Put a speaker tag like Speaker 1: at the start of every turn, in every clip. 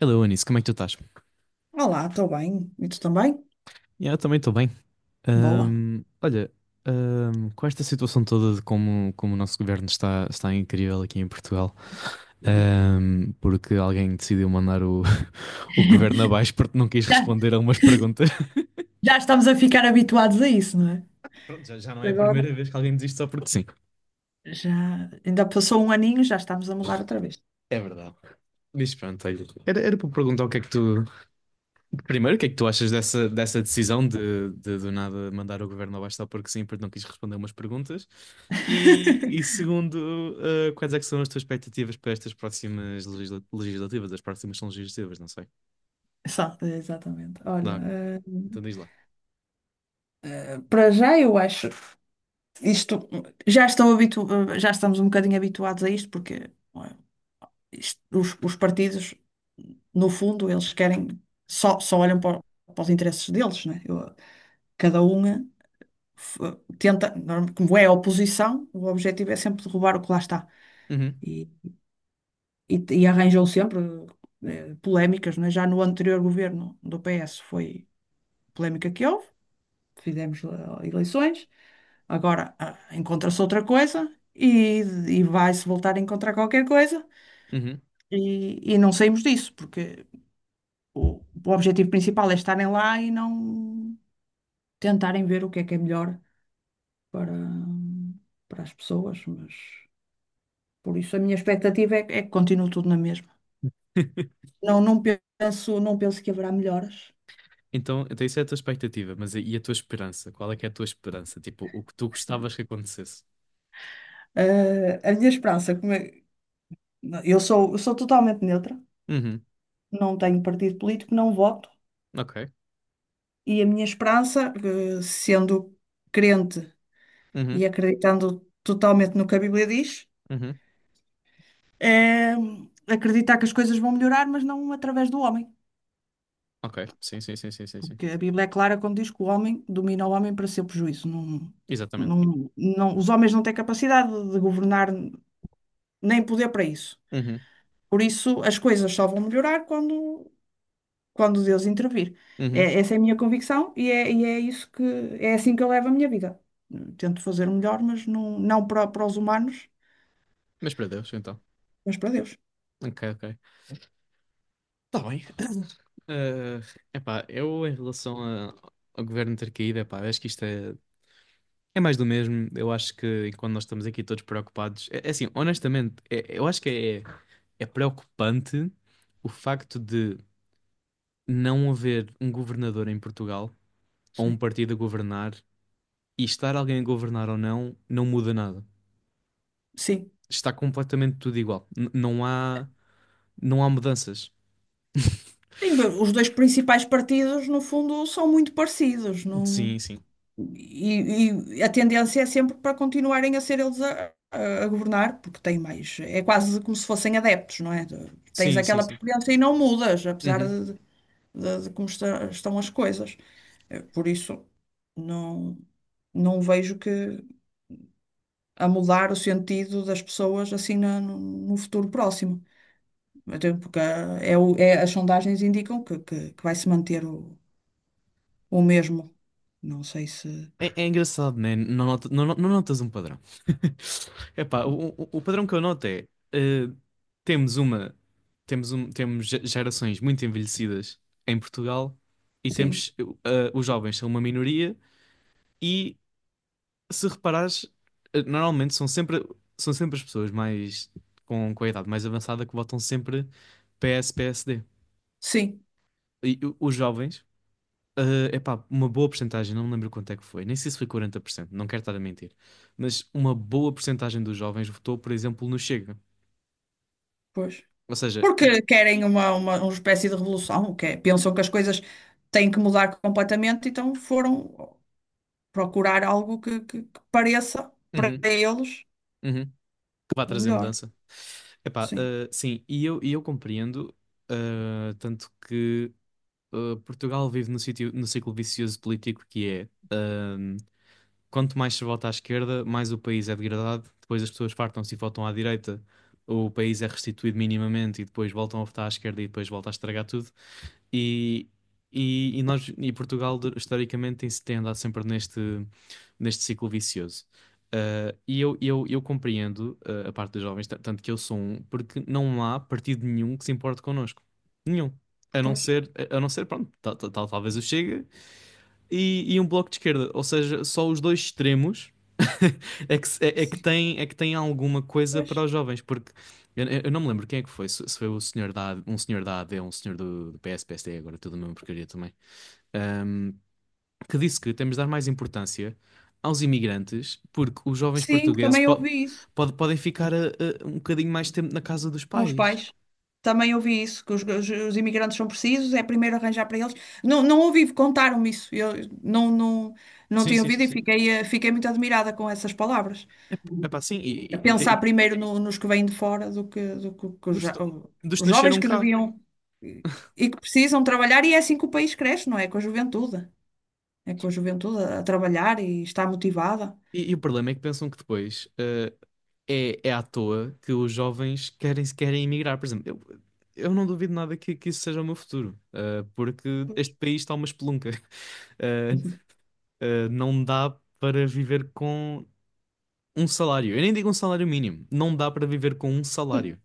Speaker 1: Hello, Anis, como é que tu estás?
Speaker 2: Olá, estou bem. E tu também?
Speaker 1: Yeah, eu também estou bem.
Speaker 2: Boa.
Speaker 1: Olha, com esta situação toda de como o nosso governo está incrível aqui em Portugal, porque alguém decidiu mandar o governo abaixo porque não quis
Speaker 2: Já,
Speaker 1: responder a algumas perguntas.
Speaker 2: já estamos a ficar habituados a isso, não é?
Speaker 1: Pronto, já não é a
Speaker 2: Agora?
Speaker 1: primeira vez que alguém diz isto só porque sim.
Speaker 2: Já, ainda passou um aninho, já estamos a mudar outra vez.
Speaker 1: É verdade. Mas pronto, olha, era para perguntar o que é que tu, primeiro, o que é que tu achas dessa decisão de do nada mandar o governo abaixo só porque sim, porque não quis responder umas perguntas? E segundo, quais é que são as tuas expectativas para estas próximas legislativas? As próximas são legislativas, não sei.
Speaker 2: Só, exatamente. Olha,
Speaker 1: Dá,
Speaker 2: eh,
Speaker 1: então diz lá.
Speaker 2: para já eu acho isto, já estou habitu, já estamos um bocadinho habituados a isto, porque ué, isto- os partidos, no fundo, eles querem, só olham para, para os interesses deles, né? Eu- cada um. F- tenta, norm- como é a oposição, o objetivo é sempre derrubar o que lá está.
Speaker 1: Uhum,
Speaker 2: E, e arranjam sempre polémicas, não é? Já no anterior governo do PS foi a polémica que houve, fizemos eleições, agora encontra-se outra coisa e, e vai-se voltar a encontrar qualquer coisa
Speaker 1: uhum.
Speaker 2: e não saímos disso, porque o, o objetivo principal é estarem lá e não tentarem ver o que é melhor para, para as pessoas, mas. Por isso, a minha expectativa é, é que continue tudo na mesma. Não, não penso, não penso que haverá melhoras.
Speaker 1: Então isso é a tua expectativa, mas e a tua esperança? Qual é que é a tua esperança? Tipo, o que tu gostavas que acontecesse?
Speaker 2: A minha esperança, como é- eu sou totalmente neutra,
Speaker 1: Uhum,
Speaker 2: não tenho partido político, não voto,
Speaker 1: ok.
Speaker 2: e a minha esperança, sendo crente
Speaker 1: Uhum,
Speaker 2: e acreditando totalmente no que a Bíblia diz,
Speaker 1: uhum.
Speaker 2: é acreditar que as coisas vão melhorar, mas não através do homem.
Speaker 1: Ok, sim, sim, sim, sim, sim, sim.
Speaker 2: Porque a Bíblia é clara quando diz que o homem domina o homem para seu prejuízo. Não,
Speaker 1: Exatamente.
Speaker 2: não, os homens não têm capacidade de governar nem poder para isso.
Speaker 1: Uhum,
Speaker 2: Por isso, as coisas só vão melhorar quando, quando Deus intervir.
Speaker 1: uhum.
Speaker 2: É, essa é a minha convicção e e é isso que é assim que eu levo a minha vida. Tento fazer o melhor, mas não, não para, para os humanos,
Speaker 1: Mas para Deus, então.
Speaker 2: mas para Deus.
Speaker 1: Ok, ok. Tá bem. Eh, epá, eu em relação ao governo ter caído, epá, acho que isto é mais do mesmo. Eu acho que enquanto nós estamos aqui todos preocupados, é assim, honestamente, eu acho que é preocupante o facto de não haver um governador em Portugal ou um
Speaker 2: Sim.
Speaker 1: partido a governar, e estar alguém a governar ou não, não muda nada.
Speaker 2: Sim.
Speaker 1: Está completamente tudo igual. Não há mudanças.
Speaker 2: Sim, bem, os dois principais partidos, no fundo, são muito parecidos. Não...
Speaker 1: Sim, sim.
Speaker 2: E a tendência é sempre para continuarem a ser eles a governar, porque têm mais. É quase como se fossem adeptos, não é? Tens
Speaker 1: Sim, sim,
Speaker 2: aquela
Speaker 1: sim.
Speaker 2: preferência e não mudas, apesar
Speaker 1: Uhum.
Speaker 2: de de como está- estão as coisas. Por isso, não, não vejo que a mudar o sentido das pessoas assim na- no futuro próximo. Até porque as sondagens indicam que, que vai se manter o mesmo. Não sei se.
Speaker 1: É engraçado, né? Não, não notas um padrão. Epá, o padrão que eu noto é temos uma temos gerações muito envelhecidas em Portugal e
Speaker 2: Sim,
Speaker 1: temos os jovens são uma minoria, e se reparares, normalmente são sempre as pessoas mais com a idade mais avançada que votam sempre PS, PSD.
Speaker 2: sim,
Speaker 1: Os jovens é epá, uma boa porcentagem, não me lembro quanto é que foi, nem sei se foi 40%, não quero estar a mentir, mas uma boa porcentagem dos jovens votou, por exemplo, no Chega.
Speaker 2: pois.
Speaker 1: Ou seja,
Speaker 2: Porque querem uma, uma espécie de revolução, que é- pensam que as coisas têm que mudar completamente, então foram procurar algo que, que pareça para
Speaker 1: uhum,
Speaker 2: eles
Speaker 1: uhum, que vai
Speaker 2: o
Speaker 1: trazer
Speaker 2: melhor.
Speaker 1: mudança. Epá,
Speaker 2: Sim.
Speaker 1: sim, e eu compreendo, tanto que Portugal vive no ciclo vicioso político que é. Quanto mais se vota à esquerda, mais o país é degradado. Depois as pessoas fartam-se e votam à direita, o país é restituído minimamente e depois voltam a votar à esquerda e depois volta a estragar tudo. E, e nós e Portugal historicamente tem andado sempre neste ciclo vicioso. E eu compreendo, a parte dos jovens, tanto que eu sou um, porque não há partido nenhum que se importe connosco. Nenhum. A não
Speaker 2: Pois,
Speaker 1: ser, a a não ser, pronto, talvez o Chega, e um bloco de esquerda, ou seja, só os dois extremos é que, se-
Speaker 2: sim.
Speaker 1: é que tem alguma coisa para
Speaker 2: Pois.
Speaker 1: os jovens, porque eu não me lembro quem é que foi, se foi o senhor AD, um senhor da AD, um senhor do, PS, PSD, agora tudo a mesma porcaria também, ahm, que disse que temos de dar mais importância aos imigrantes, porque os jovens
Speaker 2: Sim,
Speaker 1: portugueses
Speaker 2: também ouvi isso
Speaker 1: podem ficar um bocadinho mais tempo na casa dos
Speaker 2: com os
Speaker 1: pais.
Speaker 2: pais. Também ouvi isso, que os imigrantes são precisos, é primeiro arranjar para eles. Não, não ouvi, contaram-me isso. Eu não, não, não
Speaker 1: Sim,
Speaker 2: tinha
Speaker 1: sim, sim,
Speaker 2: ouvido e
Speaker 1: sim.
Speaker 2: fiquei, fiquei muito admirada com essas palavras.
Speaker 1: É é pá, sim, e,
Speaker 2: A
Speaker 1: e- e-
Speaker 2: pensar
Speaker 1: e
Speaker 2: primeiro no- nos que vêm de fora do que, que os,
Speaker 1: dos,
Speaker 2: jo-
Speaker 1: dos que
Speaker 2: os jovens
Speaker 1: nasceram
Speaker 2: que
Speaker 1: cá.
Speaker 2: deviam e que precisam trabalhar, e é assim que o país cresce, não é? Com a juventude. É com a juventude a trabalhar e está motivada.
Speaker 1: E o problema é que pensam que depois. É à toa que os jovens querem emigrar. Por exemplo, eu não duvido nada que isso seja o meu futuro, porque este país está uma espelunca. Ah, não dá para viver com um salário. Eu nem digo um salário mínimo. Não dá para viver com um salário.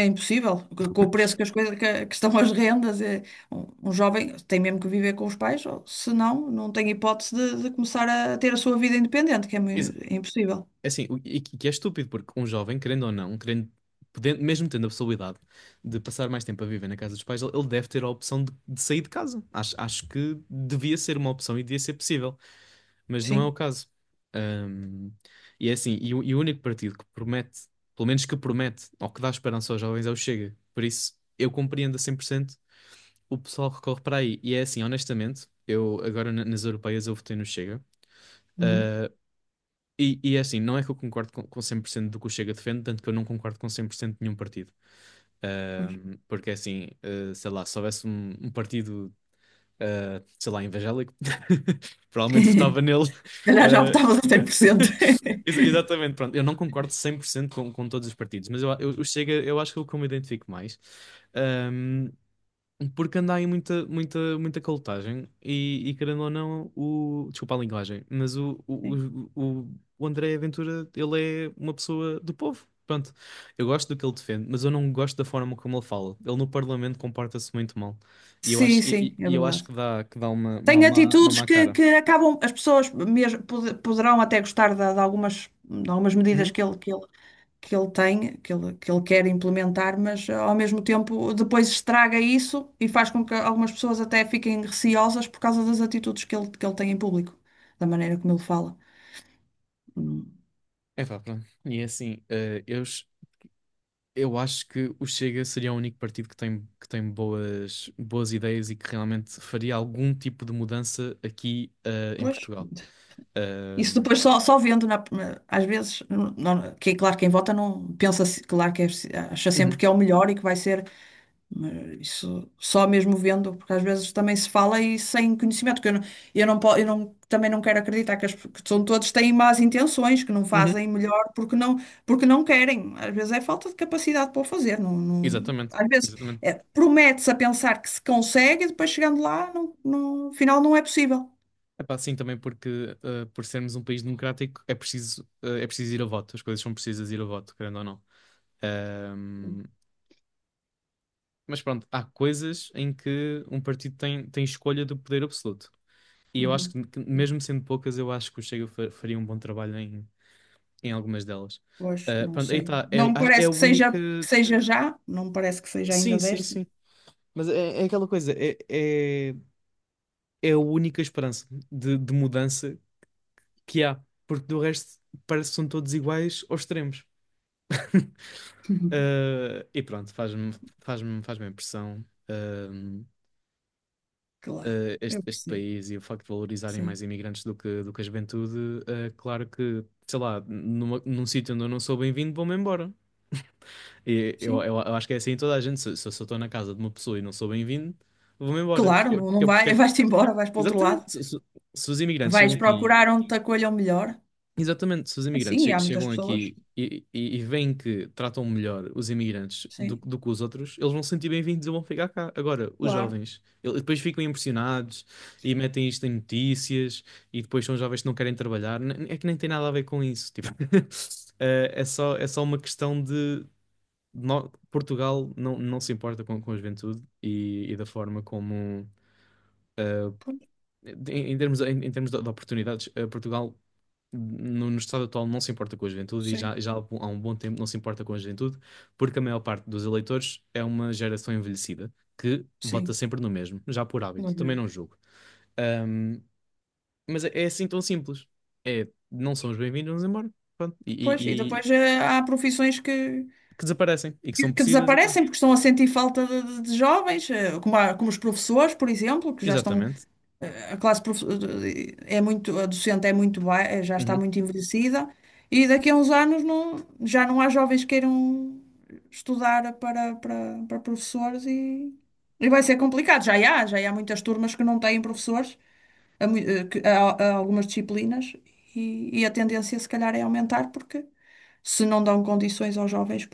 Speaker 2: É impossível, co- com o preço que as coisas que estão as rendas, é, um jovem tem mesmo que viver com os pais, ou, se não, não tem hipótese de começar a ter a sua vida independente, que é, mui-
Speaker 1: Isso,
Speaker 2: é impossível.
Speaker 1: assim, e que é estúpido, porque um jovem, querendo ou não, querendo, podendo, mesmo tendo a possibilidade de passar mais tempo a viver na casa dos pais, ele deve ter a opção de sair de casa. Acho que devia ser uma opção e devia ser possível, mas não é o
Speaker 2: Sim.
Speaker 1: caso. Ahm, e é assim, e o único partido que promete, pelo menos que promete, ou que dá esperança aos jovens, é o Chega. Por isso, eu compreendo a 100% o pessoal que recorre para aí. E é assim, honestamente, eu agora nas europeias eu votei no Chega.
Speaker 2: Uhum,
Speaker 1: E é assim, não é que eu concordo com 100% do que o Chega defende, tanto que eu não concordo com 100% de nenhum partido.
Speaker 2: pois.
Speaker 1: Porque é assim, sei lá, se houvesse um partido sei lá, evangélico, provavelmente
Speaker 2: Se
Speaker 1: votava nele.
Speaker 2: calhar já
Speaker 1: eh,
Speaker 2: optavas a 100%.
Speaker 1: Exatamente, pronto. Eu não concordo 100% com todos os partidos, mas o Chega, eu acho que é o que eu me identifico mais. Porque anda aí muita, muita, muita calotagem, e querendo ou não, desculpa a linguagem, mas o André Ventura, ele é uma pessoa do povo. Pronto, eu gosto do que ele defende, mas eu não gosto da forma como ele fala. Ele no Parlamento comporta-se muito mal. E eu
Speaker 2: Sim,
Speaker 1: acho, e,
Speaker 2: sim,
Speaker 1: e-
Speaker 2: é
Speaker 1: e eu acho que
Speaker 2: verdade.
Speaker 1: que dá
Speaker 2: Tem
Speaker 1: uma
Speaker 2: atitudes
Speaker 1: má cara.
Speaker 2: que acabam, as pessoas mesmo pod- poderão até gostar de algumas medidas
Speaker 1: Uhum.
Speaker 2: que ele, que ele tem, que ele quer implementar, mas ao mesmo tempo depois estraga isso e faz com que algumas pessoas até fiquem receosas por causa das atitudes que ele tem em público, da maneira como ele fala. Hum,
Speaker 1: Epá, pronto. E é assim, eu acho que o Chega seria o único partido que tem, boas, boas ideias e que realmente faria algum tipo de mudança aqui em
Speaker 2: Pois,
Speaker 1: Portugal.
Speaker 2: isso
Speaker 1: Ahm,
Speaker 2: depois só, só vendo, na- na- às vezes, não- não- que, claro, quem vota não pensa, se- claro que é- acha sempre
Speaker 1: uhum,
Speaker 2: que é o melhor e que vai ser. Mas isso só mesmo vendo, porque às vezes também se fala e sem conhecimento, que eu não, eu não- também não quero acreditar que, as, que são todos têm más intenções, que não
Speaker 1: uhum,
Speaker 2: fazem melhor porque não querem. Às vezes é falta de capacidade para o fazer. Não, não-
Speaker 1: exatamente,
Speaker 2: às vezes
Speaker 1: exatamente.
Speaker 2: é, promete-se a pensar que se consegue e depois chegando lá, não, não, afinal não é possível.
Speaker 1: Epá, sim, também porque por sermos um país democrático é preciso, é preciso ir a voto, as coisas são precisas ir a voto, querendo ou não. Ahm, mas pronto, há coisas em que um partido tem, tem escolha do poder absoluto. E eu acho
Speaker 2: Uhum.
Speaker 1: que mesmo sendo poucas, eu acho que o Chega faria um bom trabalho em algumas delas.
Speaker 2: Pois,
Speaker 1: Ah,
Speaker 2: não
Speaker 1: pronto, aí
Speaker 2: sei.
Speaker 1: está.
Speaker 2: Não me
Speaker 1: É a
Speaker 2: parece
Speaker 1: única.
Speaker 2: que seja já, não me parece que seja
Speaker 1: Sim,
Speaker 2: ainda
Speaker 1: sim,
Speaker 2: desta.
Speaker 1: sim. Mas é aquela coisa, é, é a única esperança de mudança que há, porque do resto parece que são todos iguais aos extremos.
Speaker 2: Uhum.
Speaker 1: Ah, e pronto, faz-me impressão,
Speaker 2: Claro,
Speaker 1: este,
Speaker 2: eu
Speaker 1: este
Speaker 2: percebo.
Speaker 1: país e o facto de valorizarem mais
Speaker 2: Sim,
Speaker 1: imigrantes do que a juventude. Claro que, sei lá, num sítio onde eu não sou bem-vindo, vou-me embora. E eu,
Speaker 2: sim.
Speaker 1: eu, eu acho que é assim em toda a gente. Se eu estou na casa de uma pessoa e não sou bem-vindo, vou-me embora.
Speaker 2: Claro, não, não vai, vais-te embora, vais para o outro lado.
Speaker 1: Exatamente, se os imigrantes chegam
Speaker 2: Vais
Speaker 1: aqui,
Speaker 2: procurar onde te acolham melhor.
Speaker 1: exatamente, se os
Speaker 2: É, sim,
Speaker 1: imigrantes
Speaker 2: e há muitas
Speaker 1: chegam
Speaker 2: pessoas.
Speaker 1: aqui e, e veem que tratam melhor os imigrantes
Speaker 2: Sim,
Speaker 1: do que os outros, eles vão se sentir bem-vindos e vão ficar cá. Agora, os
Speaker 2: claro.
Speaker 1: jovens, eles depois ficam impressionados e metem isto em notícias, e depois são jovens que não querem trabalhar. É que nem tem nada a ver com isso. Tipo, é só uma questão, Portugal não se importa com a juventude, e da forma como, ah,
Speaker 2: Pois,
Speaker 1: em termos, em termos de oportunidades, Portugal no estado atual não se importa com a juventude, e
Speaker 2: sim,
Speaker 1: já há há um bom tempo não se importa com a juventude, porque a maior parte dos eleitores é uma geração envelhecida que vota
Speaker 2: sim.
Speaker 1: sempre no mesmo, já por hábito,
Speaker 2: Nós
Speaker 1: também
Speaker 2: vemos.
Speaker 1: não julgo. Ahm, mas é assim tão simples. É, não são os bem-vindos, vamos embora. Pronto.
Speaker 2: Pois, e depois há profissões que,
Speaker 1: Que desaparecem e que são
Speaker 2: que
Speaker 1: precisas e pronto.
Speaker 2: desaparecem porque estão a sentir falta de jovens, como, a- como os professores, por exemplo, que já estão,
Speaker 1: Exatamente.
Speaker 2: eh, a classe profe- eh, é muito, a docente é muito, ba- já está
Speaker 1: Uhum.
Speaker 2: muito envelhecida, e daqui a uns anos não, já não há jovens que queiram estudar para, para, para professores e vai ser complicado. Já há muitas turmas que não têm professores, a, mui- a algumas disciplinas, e a tendência se calhar é aumentar porque se não dão condições aos jovens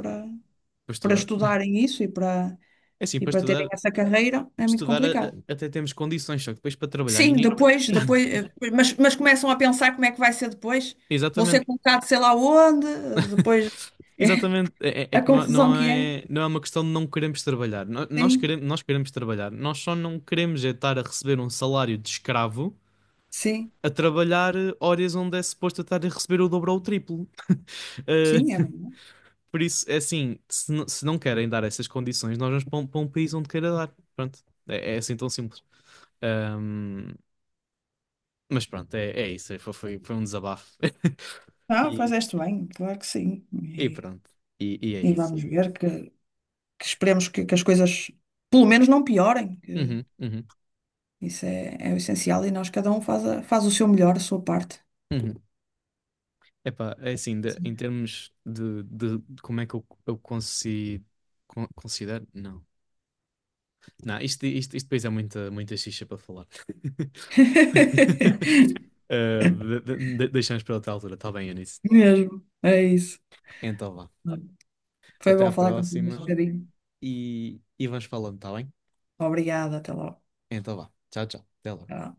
Speaker 1: Para
Speaker 2: para
Speaker 1: estudar.
Speaker 2: estudarem isso
Speaker 1: É assim,
Speaker 2: e
Speaker 1: para
Speaker 2: para terem
Speaker 1: estudar,
Speaker 2: essa carreira é muito
Speaker 1: estudar
Speaker 2: complicado.
Speaker 1: até temos condições, só que depois para trabalhar
Speaker 2: Sim,
Speaker 1: ninguém.
Speaker 2: depois, depois, mas começam a pensar como é que vai ser depois. Vão
Speaker 1: Exatamente.
Speaker 2: ser colocados sei lá onde, depois
Speaker 1: Exatamente. É
Speaker 2: a
Speaker 1: que não, é,
Speaker 2: confusão que é.
Speaker 1: não é uma questão de não queremos trabalhar.
Speaker 2: Sim,
Speaker 1: Nós queremos trabalhar. Nós só não queremos é estar a receber um salário de escravo
Speaker 2: sim,
Speaker 1: a trabalhar horas onde é suposto eu estar a receber o dobro ou o triplo. Eh,
Speaker 2: sim, é verdade.
Speaker 1: por isso, é assim, se não querem dar essas condições, nós vamos para um país onde queira dar. Pronto. É, é assim tão simples. Ahm, mas pronto, é, é isso. Foi um desabafo.
Speaker 2: Não,
Speaker 1: E-
Speaker 2: fazeste bem, claro que sim.
Speaker 1: E pronto. E é
Speaker 2: E
Speaker 1: isso.
Speaker 2: vamos ver que esperemos que as coisas pelo menos não piorem. Que
Speaker 1: Uhum, uhum,
Speaker 2: isso é, é o essencial e nós cada um faz, a- faz o seu melhor, a sua parte.
Speaker 1: uhum. Epá, é assim, em
Speaker 2: Sim.
Speaker 1: termos de como é que eu considero. Não. Não, isto depois é muita, muita xixa para falar. Deixamos para outra altura, está bem, Eunice?
Speaker 2: Mesmo, é isso.
Speaker 1: Então vá.
Speaker 2: Foi
Speaker 1: Até
Speaker 2: bom
Speaker 1: à
Speaker 2: falar contigo
Speaker 1: próxima,
Speaker 2: este bocadinho.
Speaker 1: e vamos falando, está bem?
Speaker 2: Obrigada, até logo.
Speaker 1: Então vá. Tchau, tchau. Até logo.
Speaker 2: Tchau.